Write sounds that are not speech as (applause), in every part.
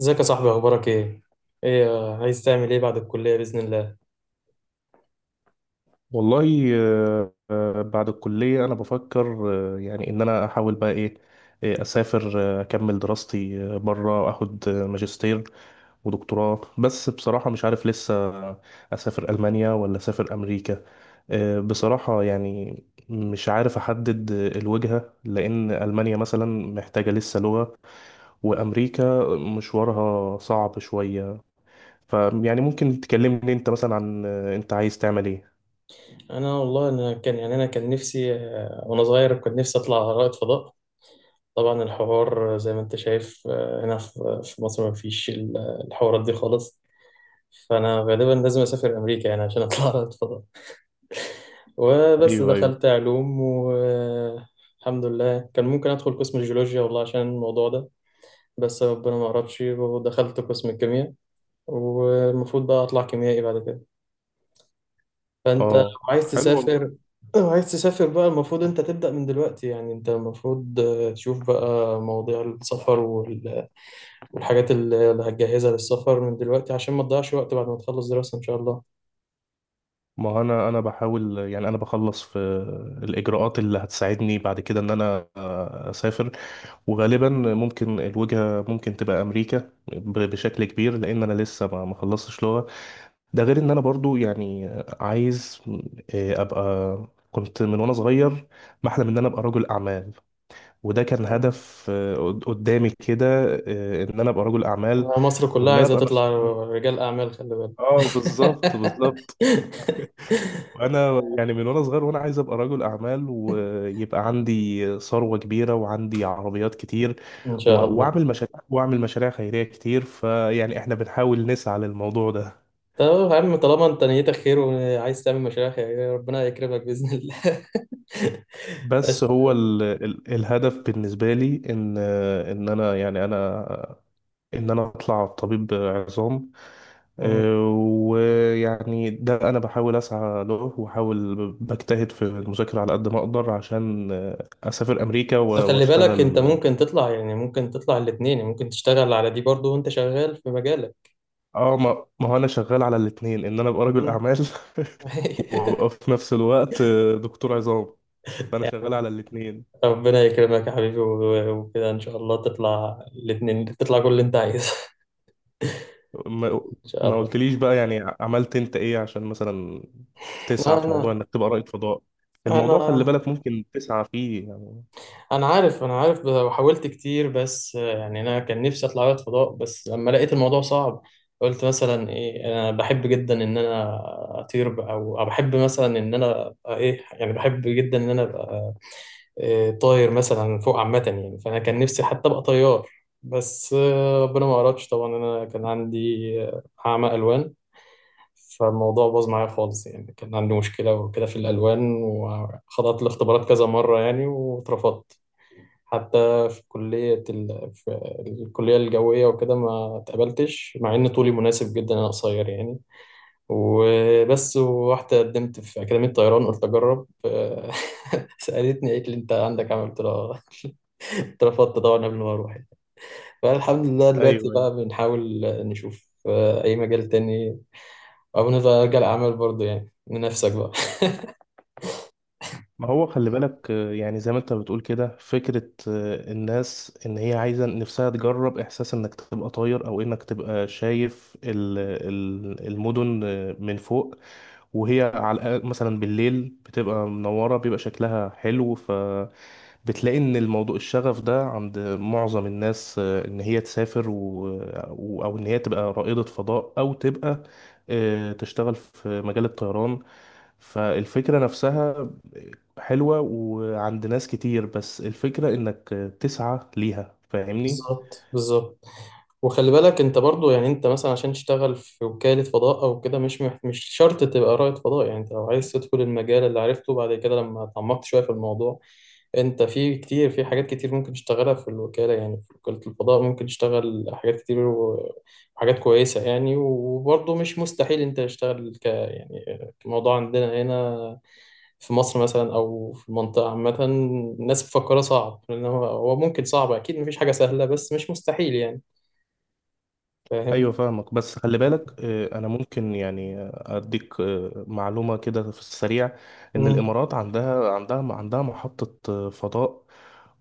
ازيك يا صاحبي، اخبارك ايه؟ ايه عايز تعمل ايه بعد الكليه باذن الله؟ والله، بعد الكلية أنا بفكر، يعني إن أنا أحاول بقى إيه، أسافر، أكمل دراستي برا، أخد ماجستير ودكتوراه. بس بصراحة مش عارف لسه أسافر ألمانيا ولا أسافر أمريكا. بصراحة يعني مش عارف أحدد الوجهة، لأن ألمانيا مثلا محتاجة لسه لغة، وأمريكا مشوارها صعب شوية. فيعني ممكن تكلمني أنت مثلا عن أنت عايز تعمل إيه؟ انا والله كان يعني كان نفسي وانا صغير كنت نفسي اطلع رائد فضاء. طبعا الحوار، زي ما انت شايف، هنا في مصر ما فيش الحوارات دي خالص. فانا غالبا لازم اسافر امريكا يعني عشان اطلع (laughs) رائد فضاء. وبس ايوه، ايوه. دخلت علوم والحمد لله، كان ممكن ادخل قسم الجيولوجيا والله عشان الموضوع ده. بس ربنا ما قربش ودخلت قسم الكيمياء. والمفروض بقى اطلع كيميائي بعد كده. فانت اه، لو عايز حلو والله. تسافر لو عايز تسافر بقى المفروض انت تبدأ من دلوقتي، يعني انت المفروض تشوف بقى مواضيع السفر والحاجات اللي هتجهزها للسفر من دلوقتي عشان ما تضيعش وقت بعد ما تخلص دراسة ان شاء الله. ما انا بحاول، يعني انا بخلص في الاجراءات اللي هتساعدني بعد كده ان انا اسافر. وغالبا ممكن الوجهه ممكن تبقى امريكا بشكل كبير، لان انا لسه ما خلصتش لغه. ده غير ان انا برضو يعني عايز، ابقى. كنت من وانا صغير بحلم ان انا ابقى رجل اعمال، وده كان مم. هدف قدامي كده، ان انا ابقى رجل اعمال مصر كلها وان انا عايزة ابقى تطلع مسؤول. رجال أعمال، خلي بالك. اه، بالظبط بالظبط. (laughs) وانا يعني من وانا صغير وانا عايز ابقى رجل اعمال، ويبقى عندي ثروه كبيره وعندي عربيات كتير، ان و- شاء الله. واعمل مشاريع، واعمل مشاريع خيريه كتير. فيعني احنا بنحاول نسعى للموضوع ده. طب يا عم، طالما انت نيتك خير وعايز تعمل مشاريع خيريه، ربنا يكرمك باذن الله. (laughs) بس بس. هو ال ال الهدف بالنسبه لي، ان انا اطلع طبيب عظام. ويعني ده انا بحاول اسعى له، واحاول بجتهد في المذاكره على قد ما اقدر، عشان اسافر امريكا بس خلي بالك، انت واشتغل. ممكن تطلع، يعني ممكن تطلع الاتنين، يعني ممكن تشتغل على دي برضو وانت شغال في مجالك. اه، ما هو انا شغال على الاثنين، ان انا ابقى رجل مم. اعمال، (laughs) وابقى (laughs) في نفس الوقت دكتور عظام. فانا شغال يعني على الاثنين. ربنا يكرمك يا حبيبي، وكده ان شاء الله تطلع الاتنين، تطلع كل اللي انت عايزه. (laughs) ان ما شاء ما الله. قلتليش بقى، يعني عملت انت ايه عشان مثلا تسعى في موضوع انا انك تبقى رائد فضاء؟ الموضوع خلي انا بالك ممكن تسعى فيه يعني. انا عارف وحاولت كتير، بس يعني انا كان نفسي اطلع رائد فضاء بس لما لقيت الموضوع صعب. قلت مثلا ايه، انا بحب جدا ان انا اطير بقى، او بحب مثلا ان انا أبقى ايه، يعني بحب جدا ان انا ابقى طاير مثلا فوق عامة، يعني فأنا كان نفسي حتى أبقى طيار. بس ربنا ما أردش طبعا، أنا كان عندي أعمى ألوان. فالموضوع باظ معايا خالص، يعني كان عندي مشكلة وكده في الألوان، وخضعت لاختبارات كذا مرة يعني واترفضت حتى في كلية في الكلية الجوية وكده، ما اتقبلتش مع إن طولي مناسب جدا، أنا قصير يعني. وبس ورحت قدمت في أكاديمية طيران، قلت أجرب. (laughs) سألتني قالت لي أنت عندك عمل، قلت لها آه. اترفضت طبعا قبل ما اروح يعني. فالحمد لله ايوه، دلوقتي أيوة. بقى بنحاول نشوف اي مجال تاني، او نرجع للعمل برضه يعني من نفسك بقى. ما هو خلي بالك، يعني زي ما انت بتقول كده فكرة الناس، ان هي عايزة نفسها تجرب احساس انك تبقى طاير او انك تبقى شايف المدن من فوق، وهي على الأقل، مثلا بالليل بتبقى منورة، بيبقى شكلها حلو. ف بتلاقي ان الموضوع، الشغف ده عند معظم الناس، ان هي تسافر، و- او ان هي تبقى رائدة فضاء او تبقى تشتغل في مجال الطيران. فالفكرة نفسها حلوة وعند ناس كتير، بس الفكرة انك تسعى ليها، فاهمني؟ بالظبط، بالظبط. وخلي بالك انت برضو، يعني انت مثلا عشان تشتغل في وكالة فضاء او كده، مش مش شرط تبقى رائد فضاء. يعني انت لو عايز تدخل المجال اللي عرفته بعد كده لما اتعمقت شوية في الموضوع، انت في كتير، في حاجات كتير ممكن تشتغلها في الوكالة. يعني في وكالة الفضاء ممكن تشتغل حاجات كتير وحاجات كويسة يعني، وبرضو مش مستحيل انت تشتغل ك يعني. الموضوع عندنا هنا في مصر مثلا او في المنطقه عامه، الناس مفكره صعب، لان هو ممكن صعب اكيد، مفيش حاجه سهله، بس مش مستحيل يعني. فاهم؟ ايوه، فاهمك. بس خلي بالك، انا ممكن يعني اديك معلومه كده في السريع. ان مم. الامارات عندها محطه فضاء،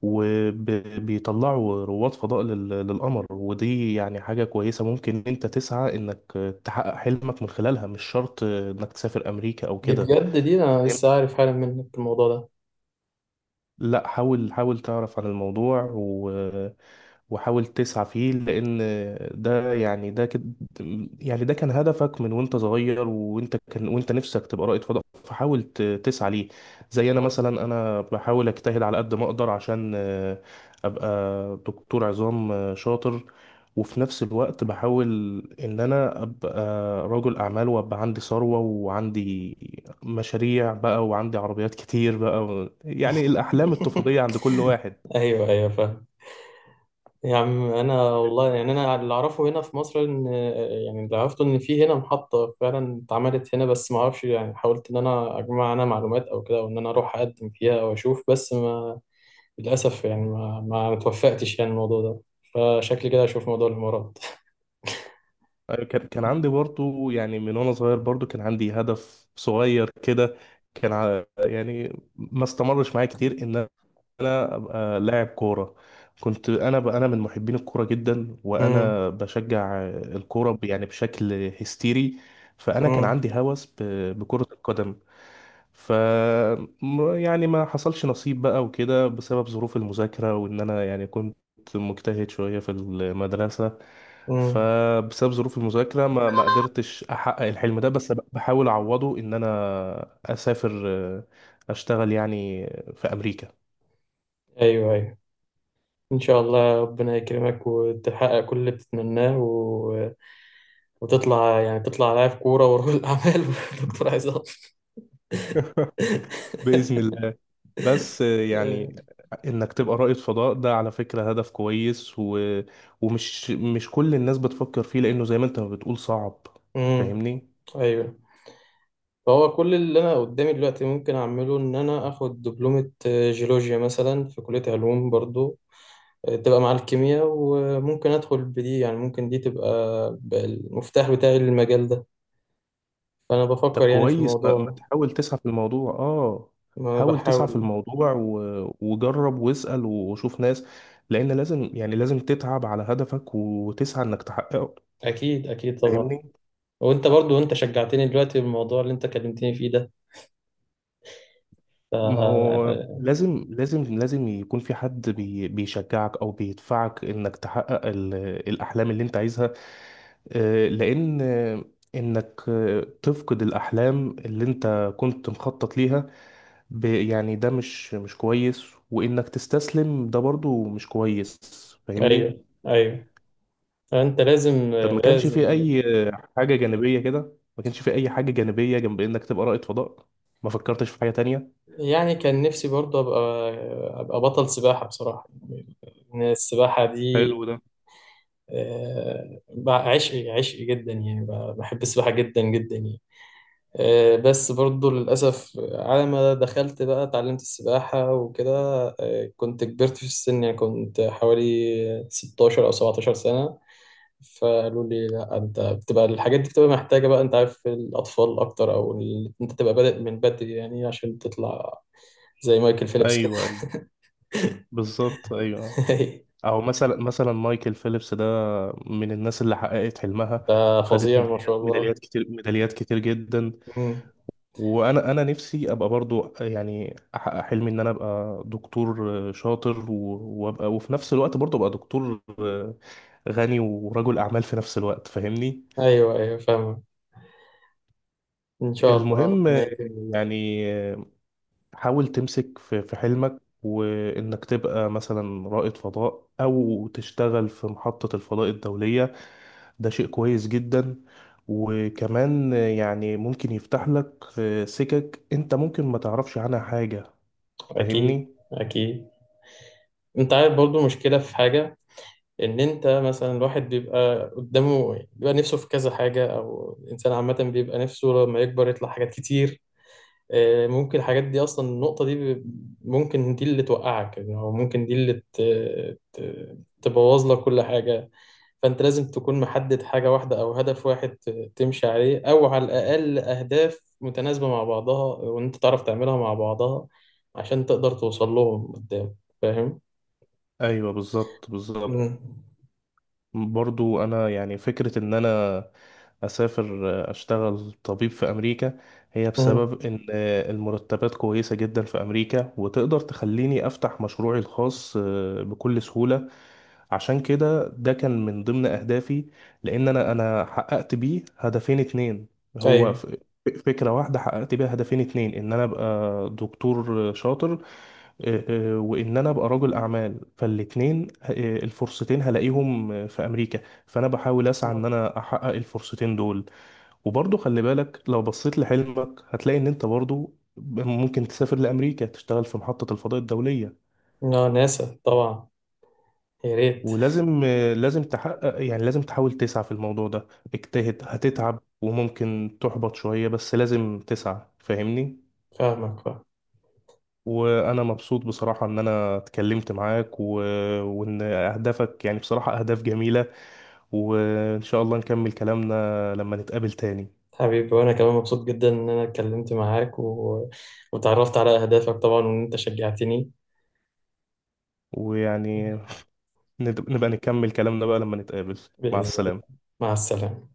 وبيطلعوا رواد فضاء للقمر. ودي يعني حاجه كويسه، ممكن انت تسعى انك تحقق حلمك من خلالها، مش شرط انك تسافر امريكا او دي كده. بجد دي انا لسه عارف حالا منك الموضوع ده. لا، حاول حاول تعرف عن الموضوع، و... وحاول تسعى فيه، لان ده يعني ده كده، يعني ده كان هدفك من وانت صغير، وانت كان وانت نفسك تبقى رائد فضاء. فحاول تسعى ليه. زي انا مم. مثلا، انا بحاول اجتهد على قد ما اقدر عشان ابقى دكتور عظام شاطر، وفي نفس الوقت بحاول ان انا ابقى رجل اعمال وابقى عندي ثروة وعندي مشاريع بقى وعندي عربيات كتير بقى. و... يعني الاحلام الطفولية عند كل (laughs) واحد. ايوه، ايوه، فاهم. يا عم انا والله يعني، انا اللي اعرفه هنا في مصر ان، يعني اللي عرفته ان في هنا محطه فعلا اتعملت هنا، بس ما اعرفش يعني، حاولت ان انا اجمع انا معلومات او كده، او ان انا اروح اقدم فيها او اشوف، بس ما للأسف يعني ما توفقتش يعني الموضوع ده. فشكلي كده أشوف موضوع الإمارات. أيوة، كان عندي برضو، يعني من وانا صغير برضو كان عندي هدف صغير كده. كان يعني ما استمرش معايا كتير ان انا ابقى لاعب كوره. كنت انا، انا من محبين الكوره جدا، امم. وانا بشجع الكوره يعني بشكل هستيري. فانا كان امم. عندي هوس بكره القدم. ف يعني ما حصلش نصيب بقى وكده، بسبب ظروف المذاكره، وان انا يعني كنت مجتهد شويه في المدرسه. امم. فبسبب ظروف المذاكره ما قدرتش احقق الحلم ده، بس بحاول اعوضه ان انا اسافر، اشتغل يعني في امريكا. أيوه، أيوه، إن شاء الله ربنا يكرمك وتحقق كل اللي بتتمناه، و... وتطلع يعني تطلع لاعب كورة ورجل أعمال (laughs) ودكتور عظام. (laughs) بإذن الله. بس يعني إنك تبقى رائد فضاء ده على فكرة هدف كويس، و... ومش مش كل الناس بتفكر فيه، لأنه زي ما أنت ما بتقول صعب. امم. فاهمني؟ (laughs) أيوه. فهو كل اللي أنا قدامي دلوقتي ممكن أعمله، إن أنا آخد دبلومة جيولوجيا مثلا في كلية علوم برضو، تبقى مع الكيمياء. وممكن أدخل بدي يعني، ممكن دي تبقى المفتاح بتاعي للمجال ده. فأنا طب بفكر يعني في كويس، ما الموضوع. تحاول تسعى في الموضوع. آه، ما حاول تسعى في بحاول. الموضوع، و... وجرب واسأل وشوف ناس. لأن لازم، يعني لازم تتعب على هدفك وتسعى إنك تحققه. أكيد، أكيد طبعا. فاهمني؟ وأنت برضو، أنت شجعتني دلوقتي بالموضوع اللي أنت كلمتني فيه ده. ف... ما هو آه، لازم لازم لازم يكون في حد بيشجعك او بيدفعك انك تحقق الاحلام اللي انت عايزها. لان انك تفقد الاحلام اللي انت كنت مخطط ليها، يعني ده مش كويس، وانك تستسلم ده برضو مش كويس. فاهمني؟ أيوه، أيوه، فأنت لازم. طب ما كانش في لازم اي حاجة جانبية كده؟ ما كانش في اي حاجة جانبية جنب انك تبقى رائد فضاء؟ ما فكرتش في حاجة تانية؟ يعني كان نفسي برضو أبقى أبقى بطل سباحة بصراحة. إن السباحة دي حلو ده. بقى عشقي، عشقي جدا، يعني بقى بحب السباحة جدا جدا يعني. بس برضو للأسف، على ما دخلت بقى اتعلمت السباحة وكده، كنت كبرت في السن. يعني كنت حوالي 16 أو 17 سنة. فقالوا لي لا، أنت بتبقى الحاجات دي بتبقى محتاجة بقى، أنت عارف، الأطفال أكتر، أو أنت تبقى بادئ من بدري يعني عشان تطلع زي مايكل ايوه، فيليبس كده. أيوة، بالظبط، ايوه. (laughs) او مثلا مايكل فيليبس ده من الناس اللي حققت حلمها، وخدت ففظيع ما شاء ميداليات الله. ميداليات كتير ميداليات كتير جدا. مم. وانا انا نفسي ابقى برضو، يعني احقق حلمي ان انا ابقى دكتور شاطر، وابقى وفي نفس الوقت برضو ابقى دكتور غني ورجل اعمال في نفس الوقت. فاهمني؟ أيوه، أيوه، فاهمة. إن شاء الله المهم ربنا يكرمك. يعني، حاول تمسك في حلمك، وانك تبقى مثلا رائد فضاء او تشتغل في محطة الفضاء الدولية. ده شيء كويس جدا، وكمان يعني ممكن يفتح لك سكك انت ممكن ما تعرفش عنها حاجة. أكيد، فاهمني؟ أكيد. أنت عارف برضو مشكلة في حاجة، ان انت مثلا، الواحد بيبقى قدامه، بيبقى نفسه في كذا حاجه، او الانسان عامه بيبقى نفسه لما يكبر يطلع حاجات كتير. ممكن الحاجات دي اصلا، النقطه دي ممكن دي اللي توقعك، يعني هو ممكن دي اللي تبوظ لك كل حاجه. فانت لازم تكون محدد حاجه واحده او هدف واحد تمشي عليه، او على الاقل اهداف متناسبه مع بعضها، وان انت تعرف تعملها مع بعضها عشان تقدر توصل لهم قدام. فاهم؟ ايوه، بالظبط مم. بالظبط. برضو انا يعني فكرة ان انا اسافر، اشتغل طبيب في امريكا، هي مم. بسبب ان المرتبات كويسة جدا في امريكا، وتقدر تخليني افتح مشروعي الخاص بكل سهولة. عشان كده ده كان من ضمن أهدافي، لأن أنا حققت بيه هدفين اتنين. هو ايوه. فكرة واحدة حققت بيها هدفين اتنين، إن أنا أبقى دكتور شاطر، آه، وإن أنا أبقى رجل أعمال. فالاتنين الفرصتين هلاقيهم في أمريكا، فأنا بحاول أسعى إن أنا أحقق الفرصتين دول. وبرضه خلي بالك، لو بصيت لحلمك هتلاقي إن أنت برضه ممكن تسافر لأمريكا تشتغل في محطة الفضاء الدولية. لا، ناسا طبعا. يا ريت. ولازم لازم تحقق، يعني لازم تحاول تسعى في الموضوع ده. اجتهد، هتتعب وممكن تحبط شوية، بس لازم تسعى. فاهمني؟ فاهمك، فاهم. وانا مبسوط بصراحة ان انا اتكلمت معاك، و... وان اهدافك يعني بصراحة اهداف جميلة. وان شاء الله نكمل كلامنا لما نتقابل تاني. حبيبي، وانا كمان مبسوط جدا ان انا اتكلمت معاك، وتعرفت على اهدافك طبعا، وان انت شجعتني. ويعني نبقى نكمل كلامنا بقى لما نتقابل. مع باذن الله. السلامة. مع السلامه.